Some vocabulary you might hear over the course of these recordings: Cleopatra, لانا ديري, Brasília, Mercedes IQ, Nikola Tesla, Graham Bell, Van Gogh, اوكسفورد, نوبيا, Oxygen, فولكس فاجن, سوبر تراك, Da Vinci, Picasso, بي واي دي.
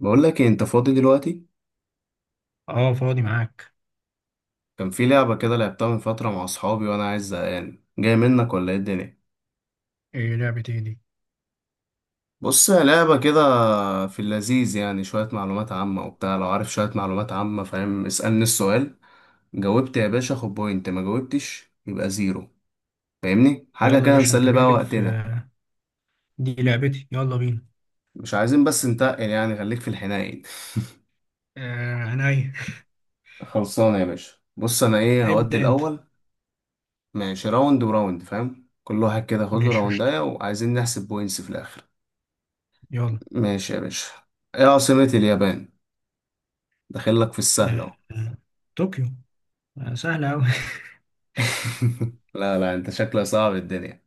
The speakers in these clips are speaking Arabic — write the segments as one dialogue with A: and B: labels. A: بقول لك إيه، انت فاضي دلوقتي؟
B: اه فاضي معاك.
A: كان في لعبة كده لعبتها من فترة مع اصحابي وانا عايز زهقان، جاي منك ولا ايه الدنيا؟
B: ايه لعبة ايه دي؟
A: بص هي لعبة كده، في اللذيذ يعني شوية معلومات عامة وبتاع. لو عارف شوية معلومات عامة فاهم اسألني السؤال. جاوبت يا باشا خد بوينت، ما جاوبتش يبقى زيرو. فاهمني حاجة
B: يلا يا
A: كده
B: باشا، انت
A: نسلي
B: كده
A: بقى
B: جيت في
A: وقتنا.
B: دي لعبتي، يلا بينا.
A: مش عايزين بس نتقل يعني، خليك في الحنين.
B: آه عينيا.
A: خلصانة يا باشا. بص انا ايه، هودي
B: ابدأ انت.
A: الاول. ماشي راوند وراوند فاهم، كل واحد كده خد له
B: ماشي، قشطة.
A: راوندايه، وعايزين نحسب بوينتس في الاخر.
B: يلا.
A: ماشي يا باشا. ايه عاصمة اليابان؟ داخل لك في السهل
B: آه،
A: اهو.
B: آه، طوكيو. آه، سهلة أوي.
A: لا لا انت شكلك صعب الدنيا.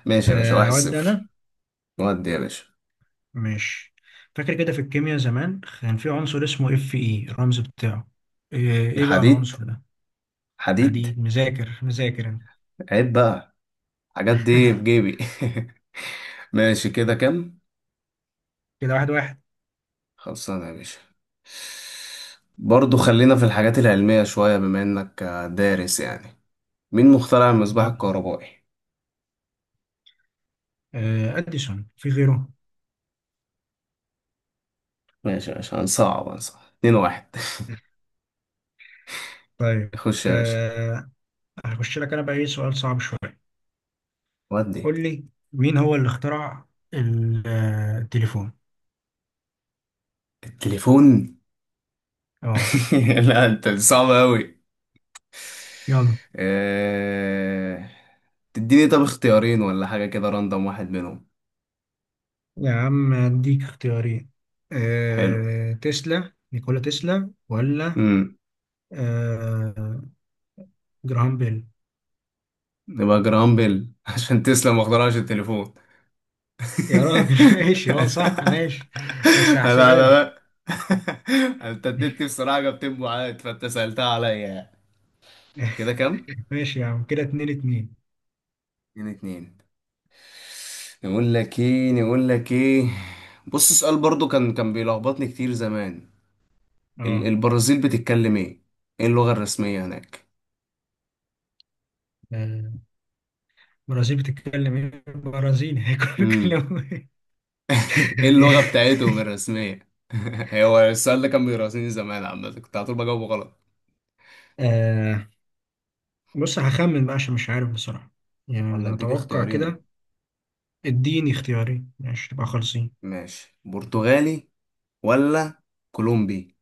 A: ماشي يا باشا،
B: آه،
A: واحد
B: أود أنا.
A: صفر. ودي يا باشا.
B: ماشي. فاكر كده، في الكيمياء زمان كان في عنصر اسمه اف اي الرمز بتاعه، آه ايه بقى
A: الحديد،
B: العنصر ده؟
A: حديد.
B: حديد، مذاكر مذاكر أنا.
A: عيب بقى، الحاجات دي بجيبي. ماشي، كده كام؟
B: كده، واحد واحد.
A: خلصانة يا باشا. برضو خلينا في الحاجات العلمية شوية بما انك دارس يعني. مين مخترع المصباح
B: يلا.
A: الكهربائي؟
B: آه، أديسون، في غيره؟
A: ماشي يا باشا، هنصعب اتنين واحد.
B: طيب.
A: خش يا باشا.
B: آه، هخش لك أنا بقى، ايه سؤال صعب شوية.
A: ودي.
B: قول لي، مين هو اللي اخترع التليفون؟
A: التليفون؟
B: اه.
A: لا انت صعب قوي.
B: يلا.
A: أه... تديني طب اختيارين ولا حاجة كده راندم واحد منهم؟
B: يا عم، اديك اختيارين.
A: حلو.
B: تسلا نيكولا تسلا، ولا
A: امم
B: أه... جراهام بيل؟
A: نبقى جرام بيل عشان تسلم ما اخترعش التليفون.
B: يا راجل ماشي، اه، صح، ماشي. بس
A: لا
B: هحسبها
A: لا
B: لك.
A: لا. انت اديتني بصراحة جبتين بعاد، فانت سألتها عليا يعني. كده كام؟
B: ماشي يا عم، كده اتنين اتنين.
A: اتنين اتنين. نقول لك ايه؟ بص سؤال برضو كان بيلخبطني كتير زمان.
B: اه.
A: البرازيل بتتكلم ايه؟ ايه اللغة الرسمية هناك؟
B: آه، البرازيل بتتكلم ايه؟ برازيلي؟ هيكونوا
A: امم.
B: بيتكلموا ايه؟
A: ايه اللغة بتاعتهم الرسمية؟ هو السؤال ده كان بيراسيني زمان، عامة كنت على طول بجاوبه غلط.
B: آه، بص، هخمن بقى عشان مش عارف بصراحة. يعني
A: ولا
B: أنا
A: اديك
B: أتوقع
A: اختيارين؟
B: كده. اديني اختيارين، ماشي تبقى خالصين.
A: ماشي، برتغالي ولا كولومبي؟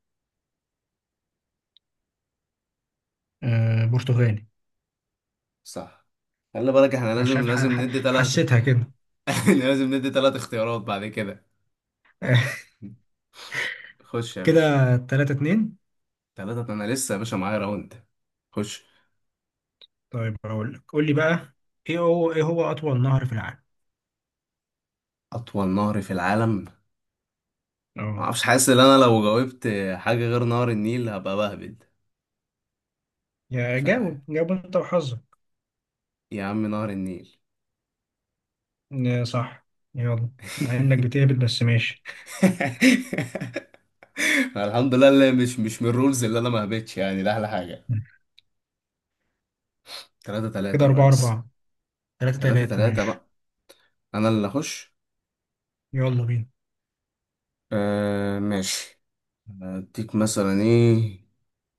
B: آه، برتغالي.
A: صح. خلي بالك احنا
B: انا
A: لازم
B: شايف
A: لازم ندي ثلاثة.
B: حسيتها كده.
A: لازم ندي ثلاث اختيارات بعد كده. خش يا باشا.
B: كده 3-2.
A: ثلاثة، انا لسه يا باشا معايا راوند. خش.
B: طيب، هقول لك، قول لي بقى، ايه هو اطول نهر في العالم؟
A: أطول نهر في العالم؟
B: اه.
A: معرفش، حاسس ان انا لو جاوبت حاجة غير نهر النيل هبقى بهبد.
B: يا،
A: مش عارف،
B: جاوب جاوب انت وحظك.
A: يا عم نهر النيل.
B: آه، صح. يلا. مع انك بتهبط، بس ماشي.
A: الحمد لله اللي مش من الرولز اللي انا ما هبتش، يعني ده احلى حاجة. تلاتة تلاتة
B: كده
A: يا
B: 4
A: ريس.
B: 4 3
A: تلاتة
B: 3
A: تلاتة
B: ماشي.
A: بقى. انا اللي اخش.
B: يلا بينا.
A: آه ماشي. اديك مثلا ايه،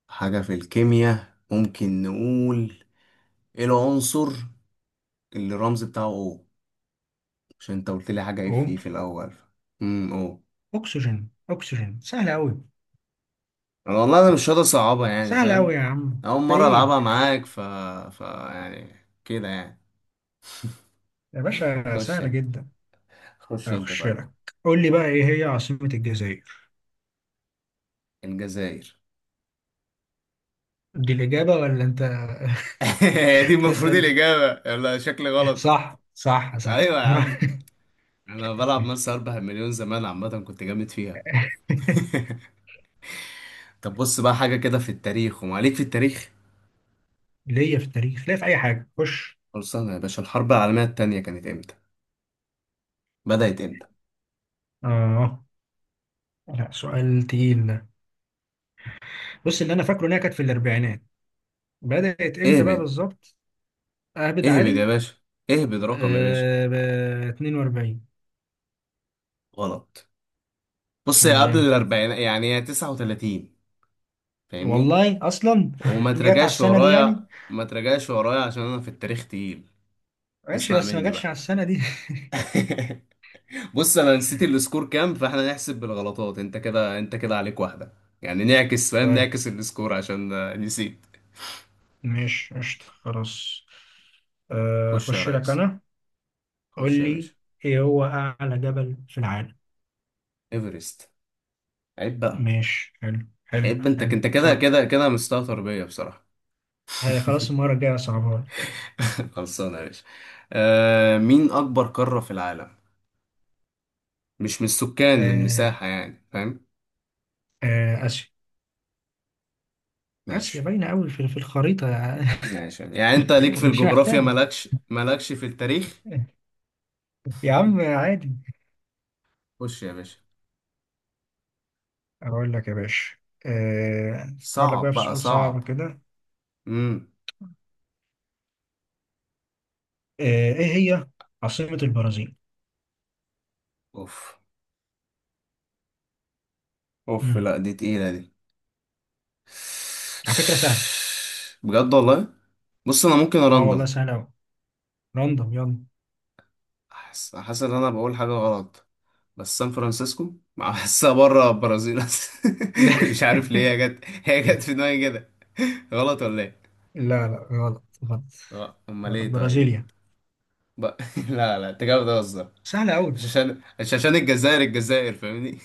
A: حاجة في الكيمياء ممكن نقول، ايه العنصر اللي الرمز بتاعه؟ او عشان انت قلت لي حاجة اف
B: اهو.
A: في E في الاول. او
B: اكسجين، اكسجين، سهل قوي.
A: والله انا مش راضي اصعبها يعني
B: سهل قوي يا
A: فاهم،
B: عم،
A: اول
B: انت
A: مره
B: ايه؟
A: العبها معاك، ف يعني كده يعني.
B: يا باشا،
A: خش
B: سهله
A: انت،
B: جدا.
A: خش انت
B: هخش
A: طيب.
B: لك. قول لي بقى، ايه هي عاصمة الجزائر؟
A: الجزائر.
B: دي الإجابة ولا أنت
A: هي دي المفروض
B: بتسأل؟
A: الاجابه، لا شكلي غلط.
B: صح، صح، صح.
A: ايوه يا عم، انا بلعب مس 4 مليون زمان عامه كنت جامد فيها. طب بص بقى، حاجه كده في التاريخ وما عليك في التاريخ.
B: ليا في التاريخ، ليا في أي حاجة، خش.
A: خلصانه يا باشا، الحرب العالميه التانية كانت امتى؟ بدات امتى؟
B: آه. لا، سؤال تقيل ده. بص، اللي أنا فاكره إنها كانت في الأربعينات. بدأت إمتى بقى
A: اهبد.
B: بالظبط؟ أهبد
A: اهبد
B: عادي.
A: يا باشا. اهبد رقم يا باشا.
B: آه، ب 42.
A: غلط. بص هي
B: أمال
A: قبل
B: إمتى؟
A: الاربعين، يعني هي 39 فاهمني.
B: والله أصلا
A: وما
B: جت على
A: تراجعش
B: السنة دي يعني.
A: ورايا ما تراجعش ورايا عشان انا في التاريخ تقيل.
B: ماشي
A: اسمع
B: بس ما
A: مني
B: جاتش على
A: بقى.
B: السنة دي.
A: بص انا نسيت السكور كام، فاحنا نحسب بالغلطات. انت كده عليك واحدة، يعني نعكس فاهم،
B: طيب،
A: نعكس السكور عشان نسيت.
B: ماشي، قشطة خلاص. آه،
A: خش يا
B: أخش لك
A: ريس،
B: أنا. قول
A: خش يا
B: لي،
A: باشا.
B: ايه هو اعلى جبل في العالم؟
A: ايفرست. عيب بقى.
B: ماشي، حلو حلو
A: عيب انت
B: حلو،
A: انت كده
B: صح.
A: كده كده مستهتر بيا بصراحة.
B: ها، خلاص، المره الجايه صعبها.
A: خلصانة يا باشا. مين اكبر قارة في العالم؟ مش من السكان، من
B: آه.
A: المساحة يعني فاهم.
B: آه، اسيا. اسيا
A: ماشي.
B: باينه قوي في الخريطه.
A: ماشي يعني، انت ليك في
B: مش
A: الجغرافيا،
B: محتاجه.
A: مالكش في التاريخ.
B: يا عم، عادي.
A: خش يا باشا.
B: اقول لك يا باشا. آه، افكر لك
A: صعب
B: بقى في
A: بقى
B: سؤال
A: صعب.
B: صعب كده.
A: امم
B: آه، ايه هي عاصمه البرازيل؟
A: اوف اوف.
B: امم
A: لا دي تقيلة دي.
B: على فكره، سهله.
A: بجد والله. بص انا ممكن
B: اه والله
A: اراندم.
B: سهله قوي. راندوم، يلا.
A: احس ان انا بقول حاجة غلط، بس سان فرانسيسكو. بحسها بره البرازيل اصلا.
B: لا،
A: مش عارف ليه هي جت في دماغي كده. غلط ولا ايه؟
B: لا، لا، غلط، غلط.
A: لا، امال
B: غلط،
A: ايه طيب؟
B: برازيليا.
A: بقى. لا لا، انت كده بتهزر.
B: سهله قوي.
A: مش عشان الجزائر فاهمني.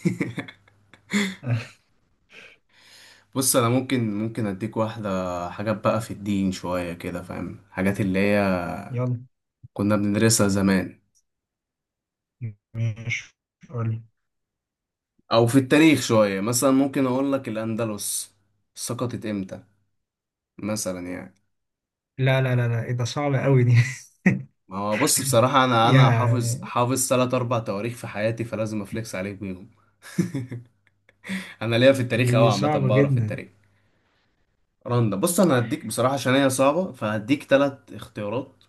A: بص انا ممكن اديك واحده، حاجات بقى في الدين شويه كده فاهم، حاجات اللي هي
B: يلا.
A: كنا بندرسها زمان.
B: ماشي. قولي.
A: او في التاريخ شويه، مثلا ممكن اقول لك الاندلس سقطت امتى مثلا يعني.
B: لا، لا، لا، لا، ايه ده؟ صعب قوي دي.
A: ما هو بص بصراحه، انا حافظ
B: يعني.
A: حافظ ثلاث اربع تواريخ في حياتي، فلازم افليكس عليك بيهم. انا ليا في التاريخ قوي
B: دي
A: عامه،
B: صعبة
A: بعرف في
B: جدا.
A: التاريخ. رندا. بص انا هديك بصراحه عشان هي صعبه، فهديك ثلاث اختيارات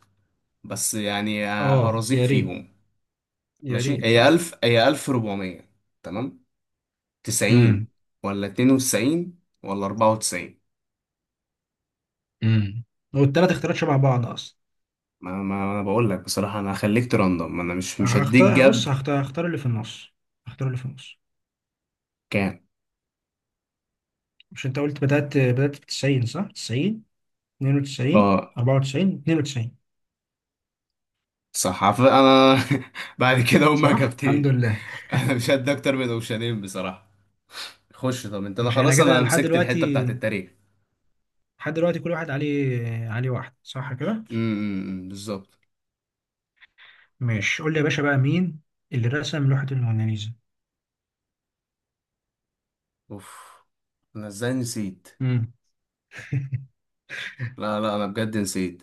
A: بس، يعني
B: اه
A: هرزيك
B: يا ريت.
A: فيهم.
B: يا
A: ماشي،
B: ريت
A: هي
B: اه.
A: 1000 هي 1400 تمام،
B: امم
A: 90 ولا 92 ولا 94؟
B: امم والتلات اختيارات شبه بعض اصلا.
A: ما انا بقول لك بصراحة، انا هخليك ترندم، انا مش هديك
B: هختار،
A: جاب.
B: بص، هختار اللي في النص. هختار اللي في النص.
A: كام؟
B: مش انت قلت بدأت في 90، صح؟ 90 92
A: اه
B: 94، 92.
A: صح، انا بعد كده هما
B: صح، الحمد
A: اجابتين.
B: لله.
A: انا مش هدي اكتر من اوشنين بصراحة. خش طب انت، انا
B: مش احنا
A: خلاص
B: كده
A: انا
B: لحد
A: مسكت الحتة
B: دلوقتي؟
A: بتاعت التاريخ.
B: لحد دلوقتي كل واحد عليه واحد، صح كده؟
A: امم، بالظبط.
B: ماشي، قول لي يا باشا بقى، مين اللي رسم لوحة الموناليزا؟
A: اوف، انا ازاي نسيت؟
B: امم
A: لا لا انا بجد نسيت.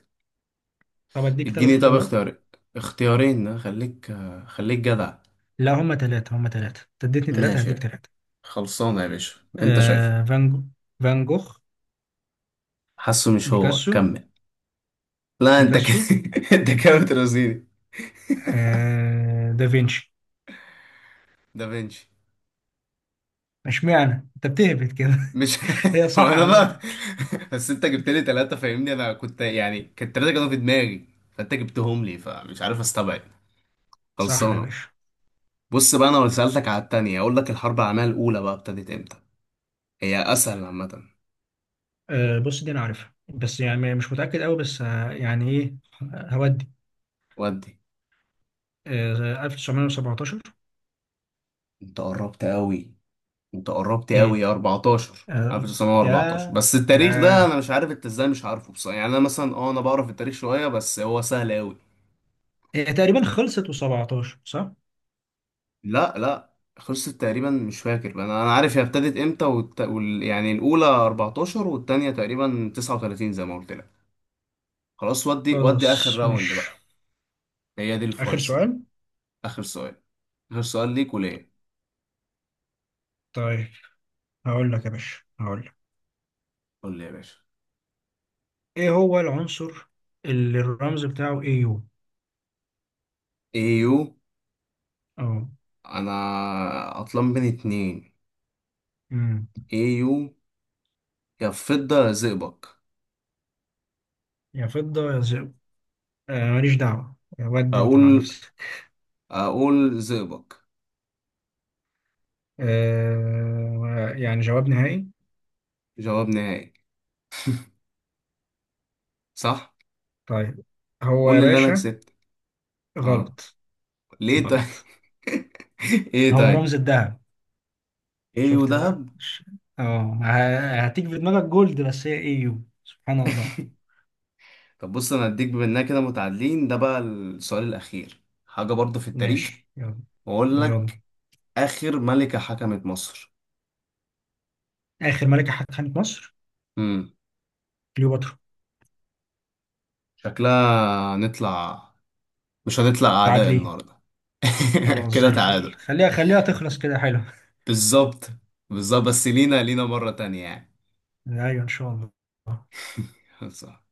B: طب اديك ثلاث
A: اديني طب
B: اختيارات.
A: اختيار، اختيارين خليك، خليك جدع.
B: لا، هما ثلاثة، هما ثلاثة، انت اديتني ثلاثة هديك
A: ماشي
B: ثلاثة.
A: خلصانة يا باشا، انت شايف.
B: آه، فان جوخ.
A: حاسه مش هو
B: بيكاسو.
A: كمل. لا انت
B: بيكاسو.
A: انت كده بترازيني.
B: آه، دافنشي.
A: دافنشي.
B: اشمعنى انت بتهبط كده؟
A: مش.
B: هي
A: هو
B: صح
A: انا بقى.
B: عامة.
A: بس انت جبت لي ثلاثة فاهمني، انا كنت يعني كانت ثلاثة كانوا في دماغي، فانت جبتهم لي فمش عارف استبعد.
B: صح يا
A: خلصانة.
B: باشا.
A: بص بقى، انا لو سألتك على التانية اقول لك الحرب العالمية الاولى بقى ابتدت امتى. هي اسهل عامة.
B: آه، بص، دي انا عارفها، بس يعني مش متأكد قوي، بس يعني ايه. هودي.
A: ودي.
B: آه، 1917.
A: انت قربت قوي انت قربت
B: ايه.
A: قوي يا 14
B: آه، يا
A: 1914. بس
B: يا
A: التاريخ ده انا مش عارف انت ازاي مش عارفه بصراحة، يعني انا مثلا انا بعرف التاريخ شوية بس هو سهل قوي.
B: هي تقريبا خلصت و17، صح.
A: لا لا، خلصت تقريبا مش فاكر، انا عارف هي ابتدت امتى يعني الاولى 14 والتانية تقريبا 39 زي ما قلت لك. خلاص، ودي
B: خلاص،
A: اخر راوند
B: مش.
A: بقى. هي دي
B: آخر
A: الفيصل.
B: سؤال.
A: اخر سؤال. اخر سؤال ليك وليه.
B: طيب، هقول لك يا باشا، هقول لك.
A: قول لي يا باشا.
B: إيه هو العنصر اللي الرمز بتاعه اي يو؟
A: ايو.
B: أه.
A: انا عطلان بين اتنين.
B: أمم.
A: ايو، يا فضة يا زئبق.
B: يا فضة يا ذهب. آه، ماليش دعوة، ودي أنت مع
A: اقول
B: نفسك.
A: اقول زئبق.
B: آه، يعني جواب نهائي؟
A: جواب نهائي. صح.
B: طيب. هو
A: قول
B: يا
A: لي اللي انا
B: باشا.
A: كسبت. اه،
B: غلط.
A: ليه طيب؟
B: غلط.
A: ايه
B: هو
A: طيب؟
B: رمز الذهب.
A: ايو،
B: شفت
A: دهب.
B: بقى. هتيجي في دماغك جولد، بس هي اي يو، سبحان الله.
A: طب بص، انا هديك بما اننا كده متعادلين، ده بقى السؤال الاخير، حاجه برضه في التاريخ،
B: ماشي، يلا.
A: واقول
B: يلا.
A: لك. اخر ملكه حكمت مصر.
B: آخر ملكة حكمت مصر؟
A: امم.
B: كليوباترا.
A: شكلها هنطلع، مش هنطلع اعداء
B: متعادلين.
A: النهارده.
B: خلاص،
A: كده
B: زي الفل،
A: تعادل.
B: خليها خليها تخلص كده، حلو.
A: بالظبط. بالظبط، بس لينا مره تانية يعني.
B: ايوه، ان شاء الله.
A: صح.